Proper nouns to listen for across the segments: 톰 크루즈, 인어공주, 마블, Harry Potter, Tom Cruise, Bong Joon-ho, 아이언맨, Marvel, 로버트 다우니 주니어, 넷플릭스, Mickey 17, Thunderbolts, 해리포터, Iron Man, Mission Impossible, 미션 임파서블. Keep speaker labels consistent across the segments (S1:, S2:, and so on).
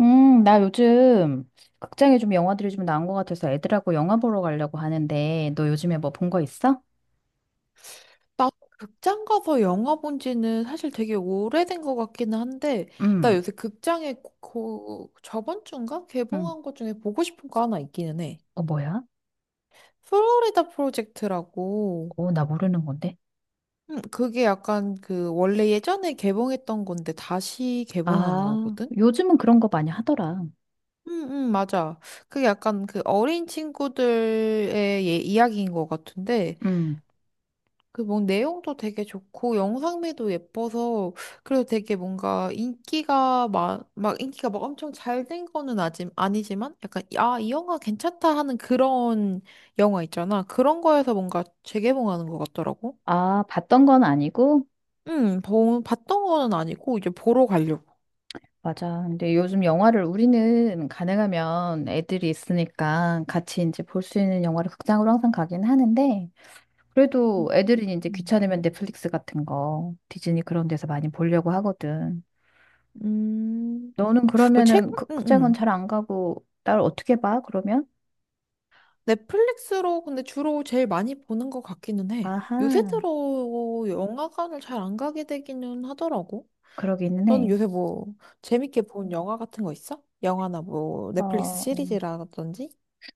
S1: 나 요즘 극장에 좀 영화들이 좀 나온 것 같아서 애들하고 영화 보러 가려고 하는데, 너 요즘에 뭐 본 거 있어?
S2: 나 극장 가서 영화 본 지는 사실 되게 오래된 것 같기는 한데, 나
S1: 음,
S2: 요새 극장에 그, 저번 주인가?
S1: 음.
S2: 개봉한 것 중에 보고 싶은 거 하나 있기는 해.
S1: 어, 뭐야?
S2: 플로리다 프로젝트라고,
S1: 어, 나 모르는 건데.
S2: 그게 약간 그, 원래 예전에 개봉했던 건데 다시 개봉하는
S1: 아,
S2: 거거든?
S1: 요즘은 그런 거 많이 하더라.
S2: 응, 응, 맞아. 그게 약간 그 어린 친구들의 이야기인 것 같은데,
S1: 음.
S2: 그 뭐 내용도 되게 좋고 영상미도 예뻐서 그래서 되게 뭔가 인기가 막, 막 인기가 막 엄청 잘 된 거는 아직 아니지만 약간 아, 이 영화 괜찮다 하는 그런 영화 있잖아. 그런 거에서 뭔가 재개봉하는 것 같더라고.
S1: 아, 봤던 건 아니고?
S2: 응, 봤던 거는 아니고 이제 보러 가려고.
S1: 맞아. 근데 요즘 영화를 우리는 가능하면 애들이 있으니까 같이 이제 볼 수 있는 영화를 극장으로 항상 가긴 하는데, 그래도 애들이 이제
S2: 음,
S1: 귀찮으면 넷플릭스 같은 거, 디즈니 그런 데서 많이 보려고 하거든.
S2: 음.
S1: 너는
S2: 뭐 최근
S1: 그러면은 그,
S2: 응,
S1: 극장은
S2: 응.
S1: 잘 안 가고, 나를 어떻게 봐, 그러면?
S2: 넷플릭스로 근데 주로 제일 많이 보는 것 같기는 해. 요새
S1: 아하,
S2: 들어 영화관을 잘 안 가게 되기는 하더라고.
S1: 그러기는
S2: 너는
S1: 해.
S2: 요새 뭐 재밌게 본 영화 같은 거 있어? 영화나 뭐 넷플릭스
S1: 어,
S2: 시리즈라든지?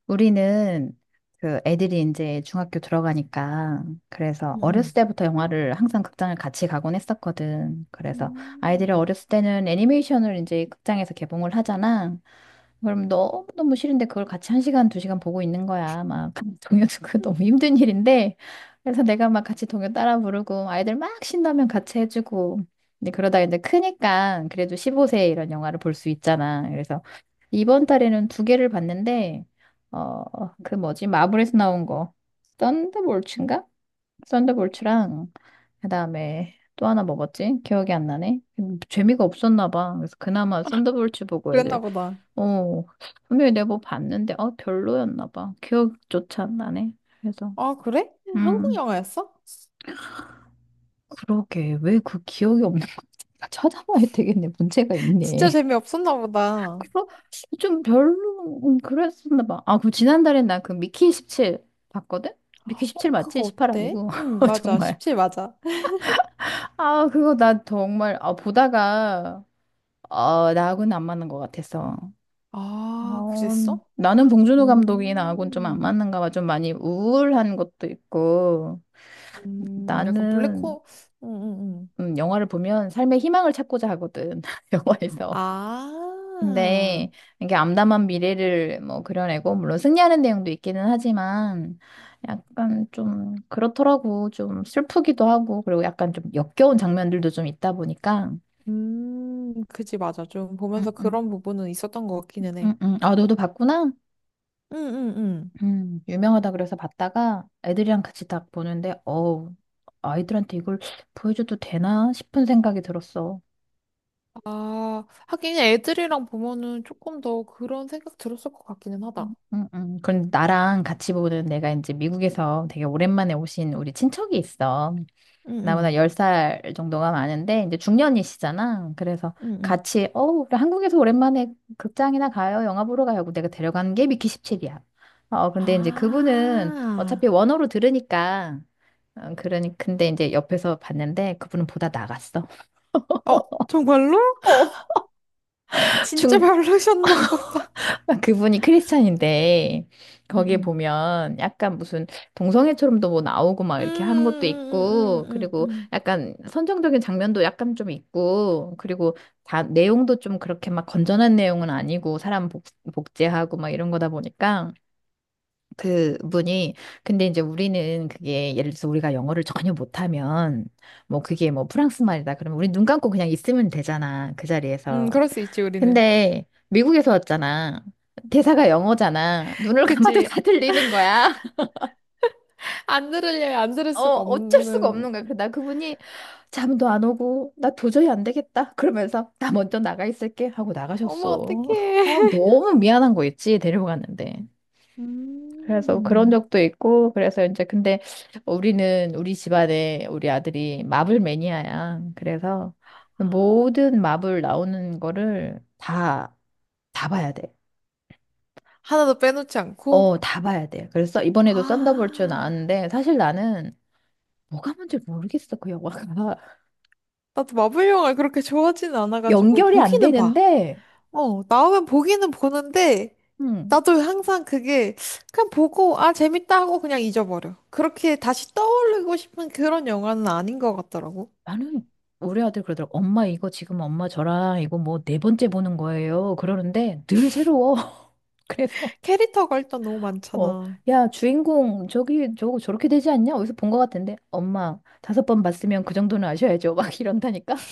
S1: 우리는 그 애들이 이제 중학교 들어가니까 그래서
S2: 응응.
S1: 어렸을 때부터 영화를 항상 극장을 같이 가곤 했었거든. 그래서
S2: 음.
S1: 아이들이 어렸을 때는 애니메이션을 이제 극장에서 개봉을 하잖아. 그럼 너무너무 싫은데 그걸 같이 한 시간, 두 시간 보고 있는 거야. 막 동요도 그 너무 힘든 일인데. 그래서 내가 막 같이 동요 따라 부르고 아이들 막 신나면 같이 해주고. 근데 그러다 이제 크니까 그래도 15세 이런 영화를 볼 수 있잖아. 그래서 이번 달에는 두 개를 봤는데 어, 그 뭐지? 마블에서 나온 거. 썬더볼츠인가? 썬더볼츠랑 그다음에 또 하나 먹었지? 기억이 안 나네. 재미가 없었나 봐. 그래서 그나마 썬더볼츠 보고
S2: 그랬나
S1: 애들
S2: 보다.
S1: 어, 분명히 내가 뭐 봤는데 어 별로였나 봐. 기억조차 안 나네. 그래서
S2: 아, 그래? 한국
S1: 음,
S2: 영화였어?
S1: 그러게. 왜 그 기억이 없는 건지 찾아봐야 되겠네. 문제가
S2: 진짜
S1: 있네.
S2: 재미없었나 보다.
S1: 그거 좀 별로 그랬었나 봐. 아, 그 지난달에 나 그 미키 17 봤거든? 미키 17
S2: 어,
S1: 맞지?
S2: 그거
S1: 18
S2: 어때?
S1: 아니고.
S2: 응,
S1: 어,
S2: 맞아.
S1: 정말.
S2: 17 맞아.
S1: 아, 그거 나 정말 보다가 어, 나하고는 안 맞는 것 같아서.
S2: 아,
S1: 어,
S2: 그랬어?
S1: 나는 봉준호 감독이 나하고는 좀 안
S2: 음,
S1: 맞는가 봐. 좀 많이 우울한 것도 있고.
S2: 약간
S1: 나는
S2: 응, 응, 응.
S1: 영화를 보면 삶의 희망을 찾고자 하거든. 영화에서.
S2: 아,
S1: 근데 이게 암담한 미래를 뭐 그려내고 물론 승리하는 내용도 있기는 하지만 약간 좀 그렇더라고 좀 슬프기도 하고 그리고 약간 좀 역겨운 장면들도 좀 있다 보니까
S2: 그지, 맞아. 좀 보면서
S1: 응응
S2: 그런 부분은 있었던 것 같기는 해.
S1: 응응 아 너도 봤구나
S2: 응, 응, 응.
S1: 유명하다 그래서 봤다가 애들이랑 같이 딱 보는데 어우 아이들한테 이걸 보여줘도 되나 싶은 생각이 들었어
S2: 아, 하긴 애들이랑 보면은 조금 더 그런 생각 들었을 것 같기는 하다.
S1: 응응 그럼 나랑 같이 보는 내가 이제 미국에서 되게 오랜만에 오신 우리 친척이 있어 나보다
S2: 응응,
S1: 10살 정도가 많은데 이제 중년이시잖아. 그래서
S2: 응응.
S1: 같이 우리 한국에서 오랜만에 극장이나 가요. 영화 보러 가요. 하고 내가 데려간 게 미키 17이야. 어, 근데 이제 그분은
S2: 아,
S1: 어차피 원어로 들으니까 어, 그러니 근데 이제 옆에서 봤는데 그분은 보다 나갔어.
S2: 어, 정말로?
S1: 어,
S2: 진짜
S1: 중
S2: 별로셨나 보다.
S1: 그분이 크리스찬인데 거기에
S2: 응응.
S1: 보면 약간 무슨 동성애처럼도 뭐 나오고 막
S2: 음,
S1: 이렇게 하는 것도
S2: 음, 음,
S1: 있고
S2: 음, 음,
S1: 그리고
S2: 음.
S1: 약간 선정적인 장면도 약간 좀 있고 그리고 다 내용도 좀 그렇게 막 건전한 내용은 아니고 사람 복제하고 막 이런 거다 보니까 그분이 근데 이제 우리는 그게 예를 들어서 우리가 영어를 전혀 못하면 뭐 그게 뭐 프랑스 말이다 그러면 우리 눈 감고 그냥 있으면 되잖아 그 자리에서
S2: 그럴 수 있지, 우리는.
S1: 근데 미국에서 왔잖아. 대사가 영어잖아. 눈을 감아도
S2: 그치.
S1: 다 들리는 거야.
S2: 안 들으려면 안 들을
S1: 어,
S2: 수가
S1: 어쩔 수가
S2: 없는.
S1: 없는 거야. 그래서 나 그분이 잠도 안 오고 나 도저히 안 되겠다. 그러면서 나 먼저 나가 있을게 하고
S2: 어머,
S1: 나가셨어. 어,
S2: 어떡해.
S1: 너무 미안한 거 있지. 데리고 갔는데. 그래서 그런
S2: 음.
S1: 적도 있고 그래서 이제 근데 우리는 우리 집안에 우리 아들이 마블 매니아야. 그래서 모든 마블 나오는 거를 다 봐야 돼.
S2: 하나도 빼놓지 않고.
S1: 어, 다 봐야 돼. 그래서 이번에도 썬더볼츠
S2: 아,
S1: 나왔는데 사실 나는 뭐가 뭔지 모르겠어, 그 영화가.
S2: 나도 마블 영화 그렇게 좋아하지는 않아가지고,
S1: 연결이 안
S2: 보기는 봐.
S1: 되는데,
S2: 어, 나오면 보기는 보는데,
S1: 음,
S2: 나도 항상 그게, 그냥 보고, 아, 재밌다 하고 그냥 잊어버려. 그렇게 다시 떠올리고 싶은 그런 영화는 아닌 것 같더라고.
S1: 나는 우리 아들 그러더라고. 엄마 이거 지금 엄마 저랑 이거 뭐 네 번째 보는 거예요. 그러는데 늘 새로워. 그래서
S2: 캐릭터가 일단 너무
S1: 어,
S2: 많잖아.
S1: 야, 주인공 저기 저거 저렇게 되지 않냐? 어디서 본 것 같은데. 엄마 다섯 번 봤으면 그 정도는 아셔야죠. 막 이런다니까.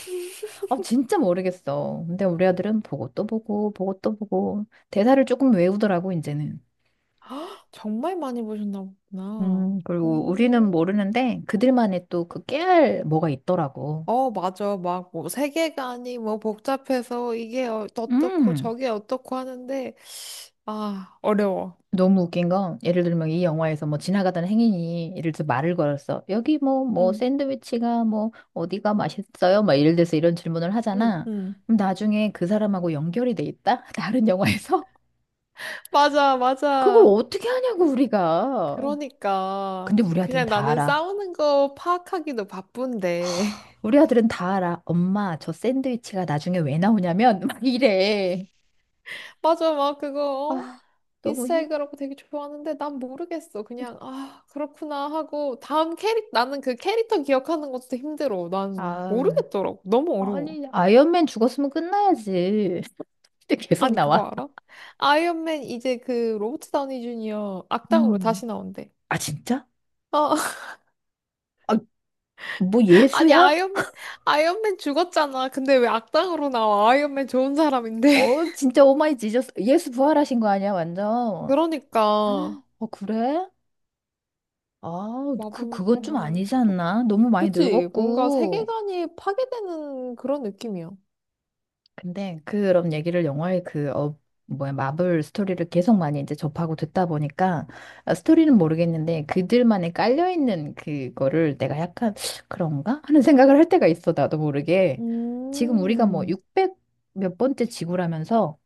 S1: 아, 진짜 모르겠어. 근데 우리 아들은 보고 또 보고 보고 또 보고 대사를 조금 외우더라고 이제는.
S2: 헉, 정말 많이 보셨나 보구나.
S1: 그리고 우리는
S2: 오.
S1: 모르는데 그들만의 또 그 깨알 뭐가 있더라고.
S2: 어, 맞아. 막, 뭐, 세계관이 뭐 복잡해서 이게 어떻고
S1: 음,
S2: 저게 어떻고 하는데, 아, 어려워.
S1: 너무 웃긴 건 예를 들면 이 영화에서 뭐 지나가던 행인이 예를 들어 말을 걸었어. 여기 뭐
S2: 응,
S1: 샌드위치가 뭐 어디가 맛있어요? 막 예를 들어서 이런 질문을
S2: 응,
S1: 하잖아.
S2: 응.
S1: 그럼 나중에 그 사람하고 연결이 돼 있다? 다른 영화에서?
S2: 맞아,
S1: 그걸
S2: 맞아.
S1: 어떻게 하냐고 우리가.
S2: 그러니까
S1: 근데 우리 아들은
S2: 그냥
S1: 다
S2: 나는
S1: 알아.
S2: 싸우는 거 파악하기도 바쁜데
S1: 우리 아들은 다 알아. 엄마, 저 샌드위치가 나중에 왜 나오냐면 막 이래.
S2: 맞아 막 그거 어?
S1: 아, 너무
S2: 이스터
S1: 힘.
S2: 에그라고 되게 좋아하는데 난 모르겠어 그냥 아 그렇구나 하고 다음 캐릭 나는 그 캐릭터 기억하는 것도 힘들어 난
S1: 아.
S2: 모르겠더라고 너무 어려워
S1: 아니, 아이언맨 죽었으면 끝나야지. 근데 계속
S2: 아니 그거
S1: 나와.
S2: 알아? 아이언맨 이제 그 로버트 다우니 주니어 악당으로
S1: 음.
S2: 다시 나온대
S1: 아, 진짜?
S2: 어
S1: 아, 뭐
S2: 아니
S1: 예수야?
S2: 아이언맨 죽었잖아 근데 왜 악당으로 나와 아이언맨 좋은 사람인데
S1: 어, 진짜 오마이 지저스. 예수 부활하신 거 아니야, 완전.
S2: 그러니까
S1: 아, 그래? 아,
S2: 마블
S1: 그건 좀
S2: 정말
S1: 아니지
S2: 끝도 없어.
S1: 않나? 너무 많이
S2: 그치? 뭔가
S1: 늙었고.
S2: 세계관이 파괴되는 그런 느낌이야.
S1: 근데 그런 얘기를 영화의 그 뭐야 마블 스토리를 계속 많이 이제 접하고 듣다 보니까 아, 스토리는 모르겠는데 그들만의 깔려 있는 그거를 내가 약간 그런가 하는 생각을 할 때가 있어 나도 모르게 지금 우리가 뭐
S2: 음,
S1: 600 몇 번째 지구라면서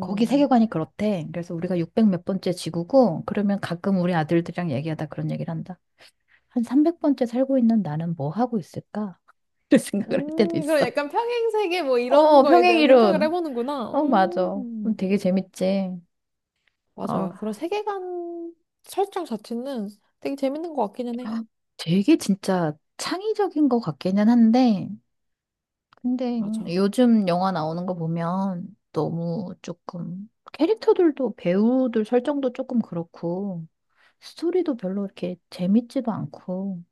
S1: 거기 세계관이 그렇대 그래서 우리가 600 몇 번째 지구고 그러면 가끔 우리 아들들이랑 얘기하다 그런 얘기를 한다 한 300번째 살고 있는 나는 뭐 하고 있을까? 이런 생각을 할 때도
S2: 그런
S1: 있어
S2: 약간 평행세계 뭐 이런
S1: 어
S2: 거에 대한 생각을
S1: 평행이론
S2: 해보는구나.
S1: 어, 맞아. 되게 재밌지.
S2: 맞아. 그런
S1: 아
S2: 세계관 설정 자체는 되게 재밌는 것 같기는 해.
S1: 되게 진짜 창의적인 것 같기는 한데, 근데
S2: 맞아.
S1: 요즘 영화 나오는 거 보면 너무 조금 캐릭터들도 배우들 설정도 조금 그렇고, 스토리도 별로 이렇게 재밌지도 않고,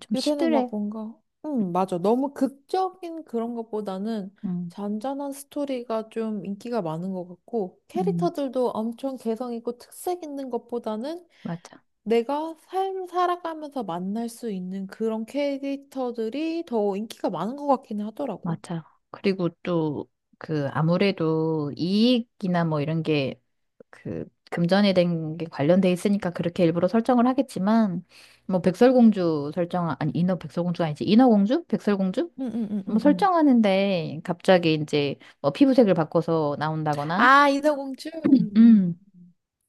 S1: 좀
S2: 요새는
S1: 시들해.
S2: 막 뭔가, 맞아. 너무 극적인 그런 것보다는
S1: 응,
S2: 잔잔한 스토리가 좀 인기가 많은 것 같고,
S1: 응,
S2: 캐릭터들도 엄청 개성 있고 특색 있는 것보다는
S1: 맞아.
S2: 내가 삶 살아가면서 만날 수 있는 그런 캐릭터들이 더 인기가 많은 것 같긴 하더라고.
S1: 맞아. 그리고 또 그 아무래도 이익이나 뭐 이런 게 그 금전에 된 게 관련돼 있으니까 그렇게 일부러 설정을 하겠지만 뭐 백설공주 설정 아니 인어 백설공주가 아니지 인어공주? 백설공주?
S2: 응, 응, 응,
S1: 뭐
S2: 응, 응.
S1: 설정하는데 갑자기 이제 뭐 피부색을 바꿔서 나온다거나
S2: 아, 인어공주? 응,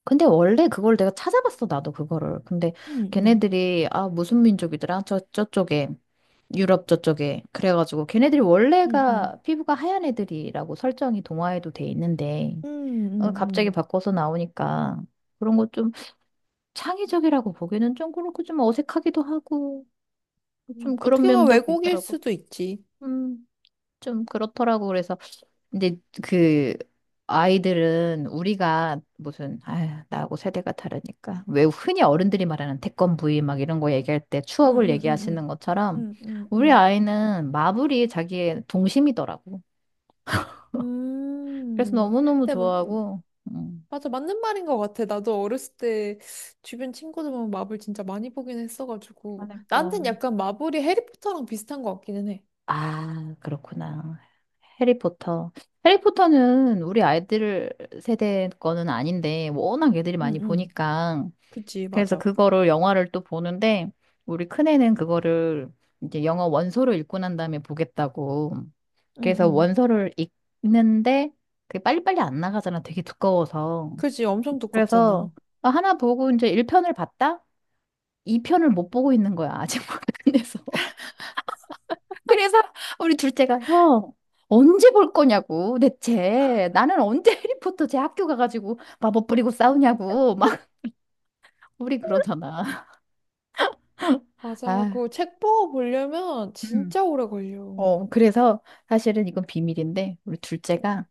S1: 근데 원래 그걸 내가 찾아봤어, 나도 그거를. 근데
S2: 응, 응,
S1: 걔네들이, 아, 무슨 민족이더라? 저쪽에. 유럽 저쪽에. 그래가지고 걔네들이
S2: 응, 응,
S1: 원래가 피부가 하얀 애들이라고 설정이 동화에도 돼 있는데,
S2: 응, 응,
S1: 어,
S2: 응.
S1: 갑자기
S2: 응,
S1: 바꿔서 나오니까 그런 거 좀 창의적이라고 보기는 좀 그렇고 좀 어색하기도 하고,
S2: 응.
S1: 좀 그런
S2: 어떻게 보면
S1: 면도
S2: 왜곡일
S1: 있더라고.
S2: 수도 있지.
S1: 음, 좀 그렇더라고. 그래서 근데 그 아이들은 우리가 무슨 아휴, 나하고 세대가 다르니까 왜 흔히 어른들이 말하는 태권브이 막 이런 거 얘기할 때
S2: 응,
S1: 추억을
S2: 응, 응,
S1: 얘기하시는
S2: 응,
S1: 것처럼
S2: 응, 응,
S1: 우리
S2: 응.
S1: 아이는 마블이 자기의 동심이더라고. 그래서 너무너무
S2: 근데 마,
S1: 좋아하고 음.
S2: 맞아, 맞는 말인 것 같아. 나도 어렸을 때 주변 친구들 보면 마블 진짜 많이 보긴 했어가지고.
S1: 그러니까.
S2: 나한텐 약간 마블이 해리포터랑 비슷한 것 같기는 해.
S1: 아, 그렇구나. 해리포터. 해리포터는 우리 아이들 세대 거는 아닌데 워낙 애들이
S2: 응,
S1: 많이
S2: 응.
S1: 보니까
S2: 그치,
S1: 그래서
S2: 맞아.
S1: 그거를 영화를 또 보는데 우리 큰애는 그거를 이제 영어 원서를 읽고 난 다음에 보겠다고.
S2: 응,
S1: 그래서
S2: 응.
S1: 원서를 읽는데 그게 빨리빨리 안 나가잖아. 되게 두꺼워서.
S2: 그지? 엄청
S1: 그래서
S2: 두껍잖아.
S1: 아, 하나 보고 이제 1편을 봤다? 2편을 못 보고 있는 거야. 아직 못 끝내서. 그래서 우리 둘째가 형 언제 볼 거냐고 대체 나는 언제 해리포터 제 학교 가가지고 마법 부리고 싸우냐고 막 우리 그러잖아.
S2: 맞아.
S1: 아,
S2: 그거 책 보고 보려면
S1: 음.
S2: 진짜 오래 걸려.
S1: 어, 그래서 사실은 이건 비밀인데, 우리
S2: 응,
S1: 둘째가,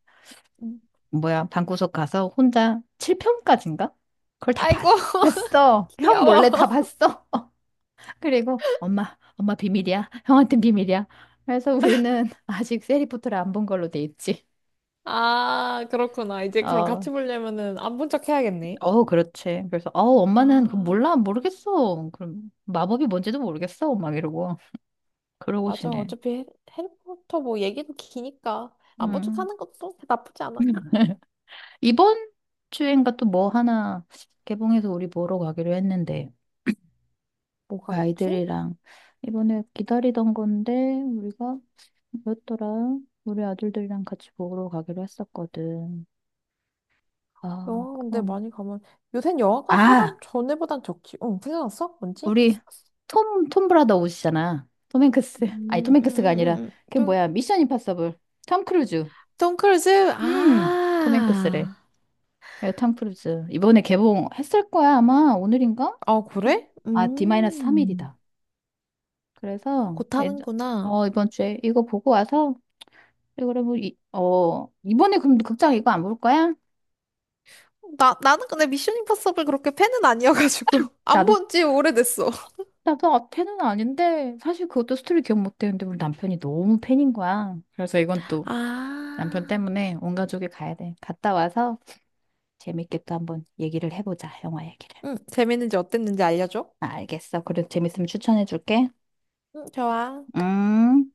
S2: 응.
S1: 뭐야, 방구석 가서 혼자 7편까지인가? 그걸 다
S2: 아이고,
S1: 봤어. 형 몰래 다
S2: 귀여워.
S1: 봤어. 그리고 엄마, 엄마 비밀이야. 형한텐 비밀이야. 그래서 우리는 아직 세리포트를 안 본 걸로 돼 있지.
S2: 아, 그렇구나. 이제 그럼
S1: 어,
S2: 같이 보려면은 안 본 척 해야겠네.
S1: 어, 그렇지. 그래서, 어, 엄마는 그
S2: 아.
S1: 몰라, 모르겠어. 그럼 마법이 뭔지도 모르겠어. 막 이러고. 그러고
S2: 맞아.
S1: 지내.
S2: 어차피 해리포터 뭐 얘기도 기니까 안 본 척
S1: 음.
S2: 하는 것도 나쁘지 않아.
S1: 이번 주엔가 또 뭐 하나 개봉해서 우리 보러 가기로 했는데.
S2: 뭐가 있지?
S1: 아이들이랑 이번에 기다리던 건데 우리가 뭐였더라? 우리 아들들이랑 같이 보러 가기로 했었거든. 아,
S2: 영화 근데
S1: 그럼.
S2: 많이 가면 요샌 영화관 사람
S1: 아,
S2: 전에보단 적지. 응, 생각났어? 뭔지?
S1: 우리 톰 브라더 옷이잖아. 톰 행크스. 아니, 톰 행크스가 아니라 그
S2: 톰,
S1: 뭐야? 미션 임파서블. 톰 크루즈.
S2: 톰 크루즈?
S1: 톰 행크스래.
S2: 아.
S1: 예, 톰 크루즈. 이번에 개봉했을 거야, 아마. 오늘인가?
S2: 아, 그래?
S1: 아,
S2: 음.
S1: D-3일이다. 그래서
S2: 곧 하는구나.
S1: 어, 이번 주에 이거 보고 와서 그리고 뭐, 어 이번에 그럼 극장 이거 안 볼 거야?
S2: 나는 근데 미션 임파서블 그렇게 팬은 아니어가지고. 안
S1: 나도
S2: 본지 오래됐어.
S1: 나도 팬은 아닌데 사실 그것도 스토리 기억 못 되는데 우리 남편이 너무 팬인 거야. 그래서 이건 또
S2: 아.
S1: 남편 때문에 온 가족이 가야 돼. 갔다 와서 재밌게 또 한번 얘기를 해보자. 영화 얘기를.
S2: 응, 재밌는지 어땠는지 알려줘.
S1: 아, 알겠어. 그래 재밌으면 추천해 줄게.
S2: 응, 좋아.
S1: 음.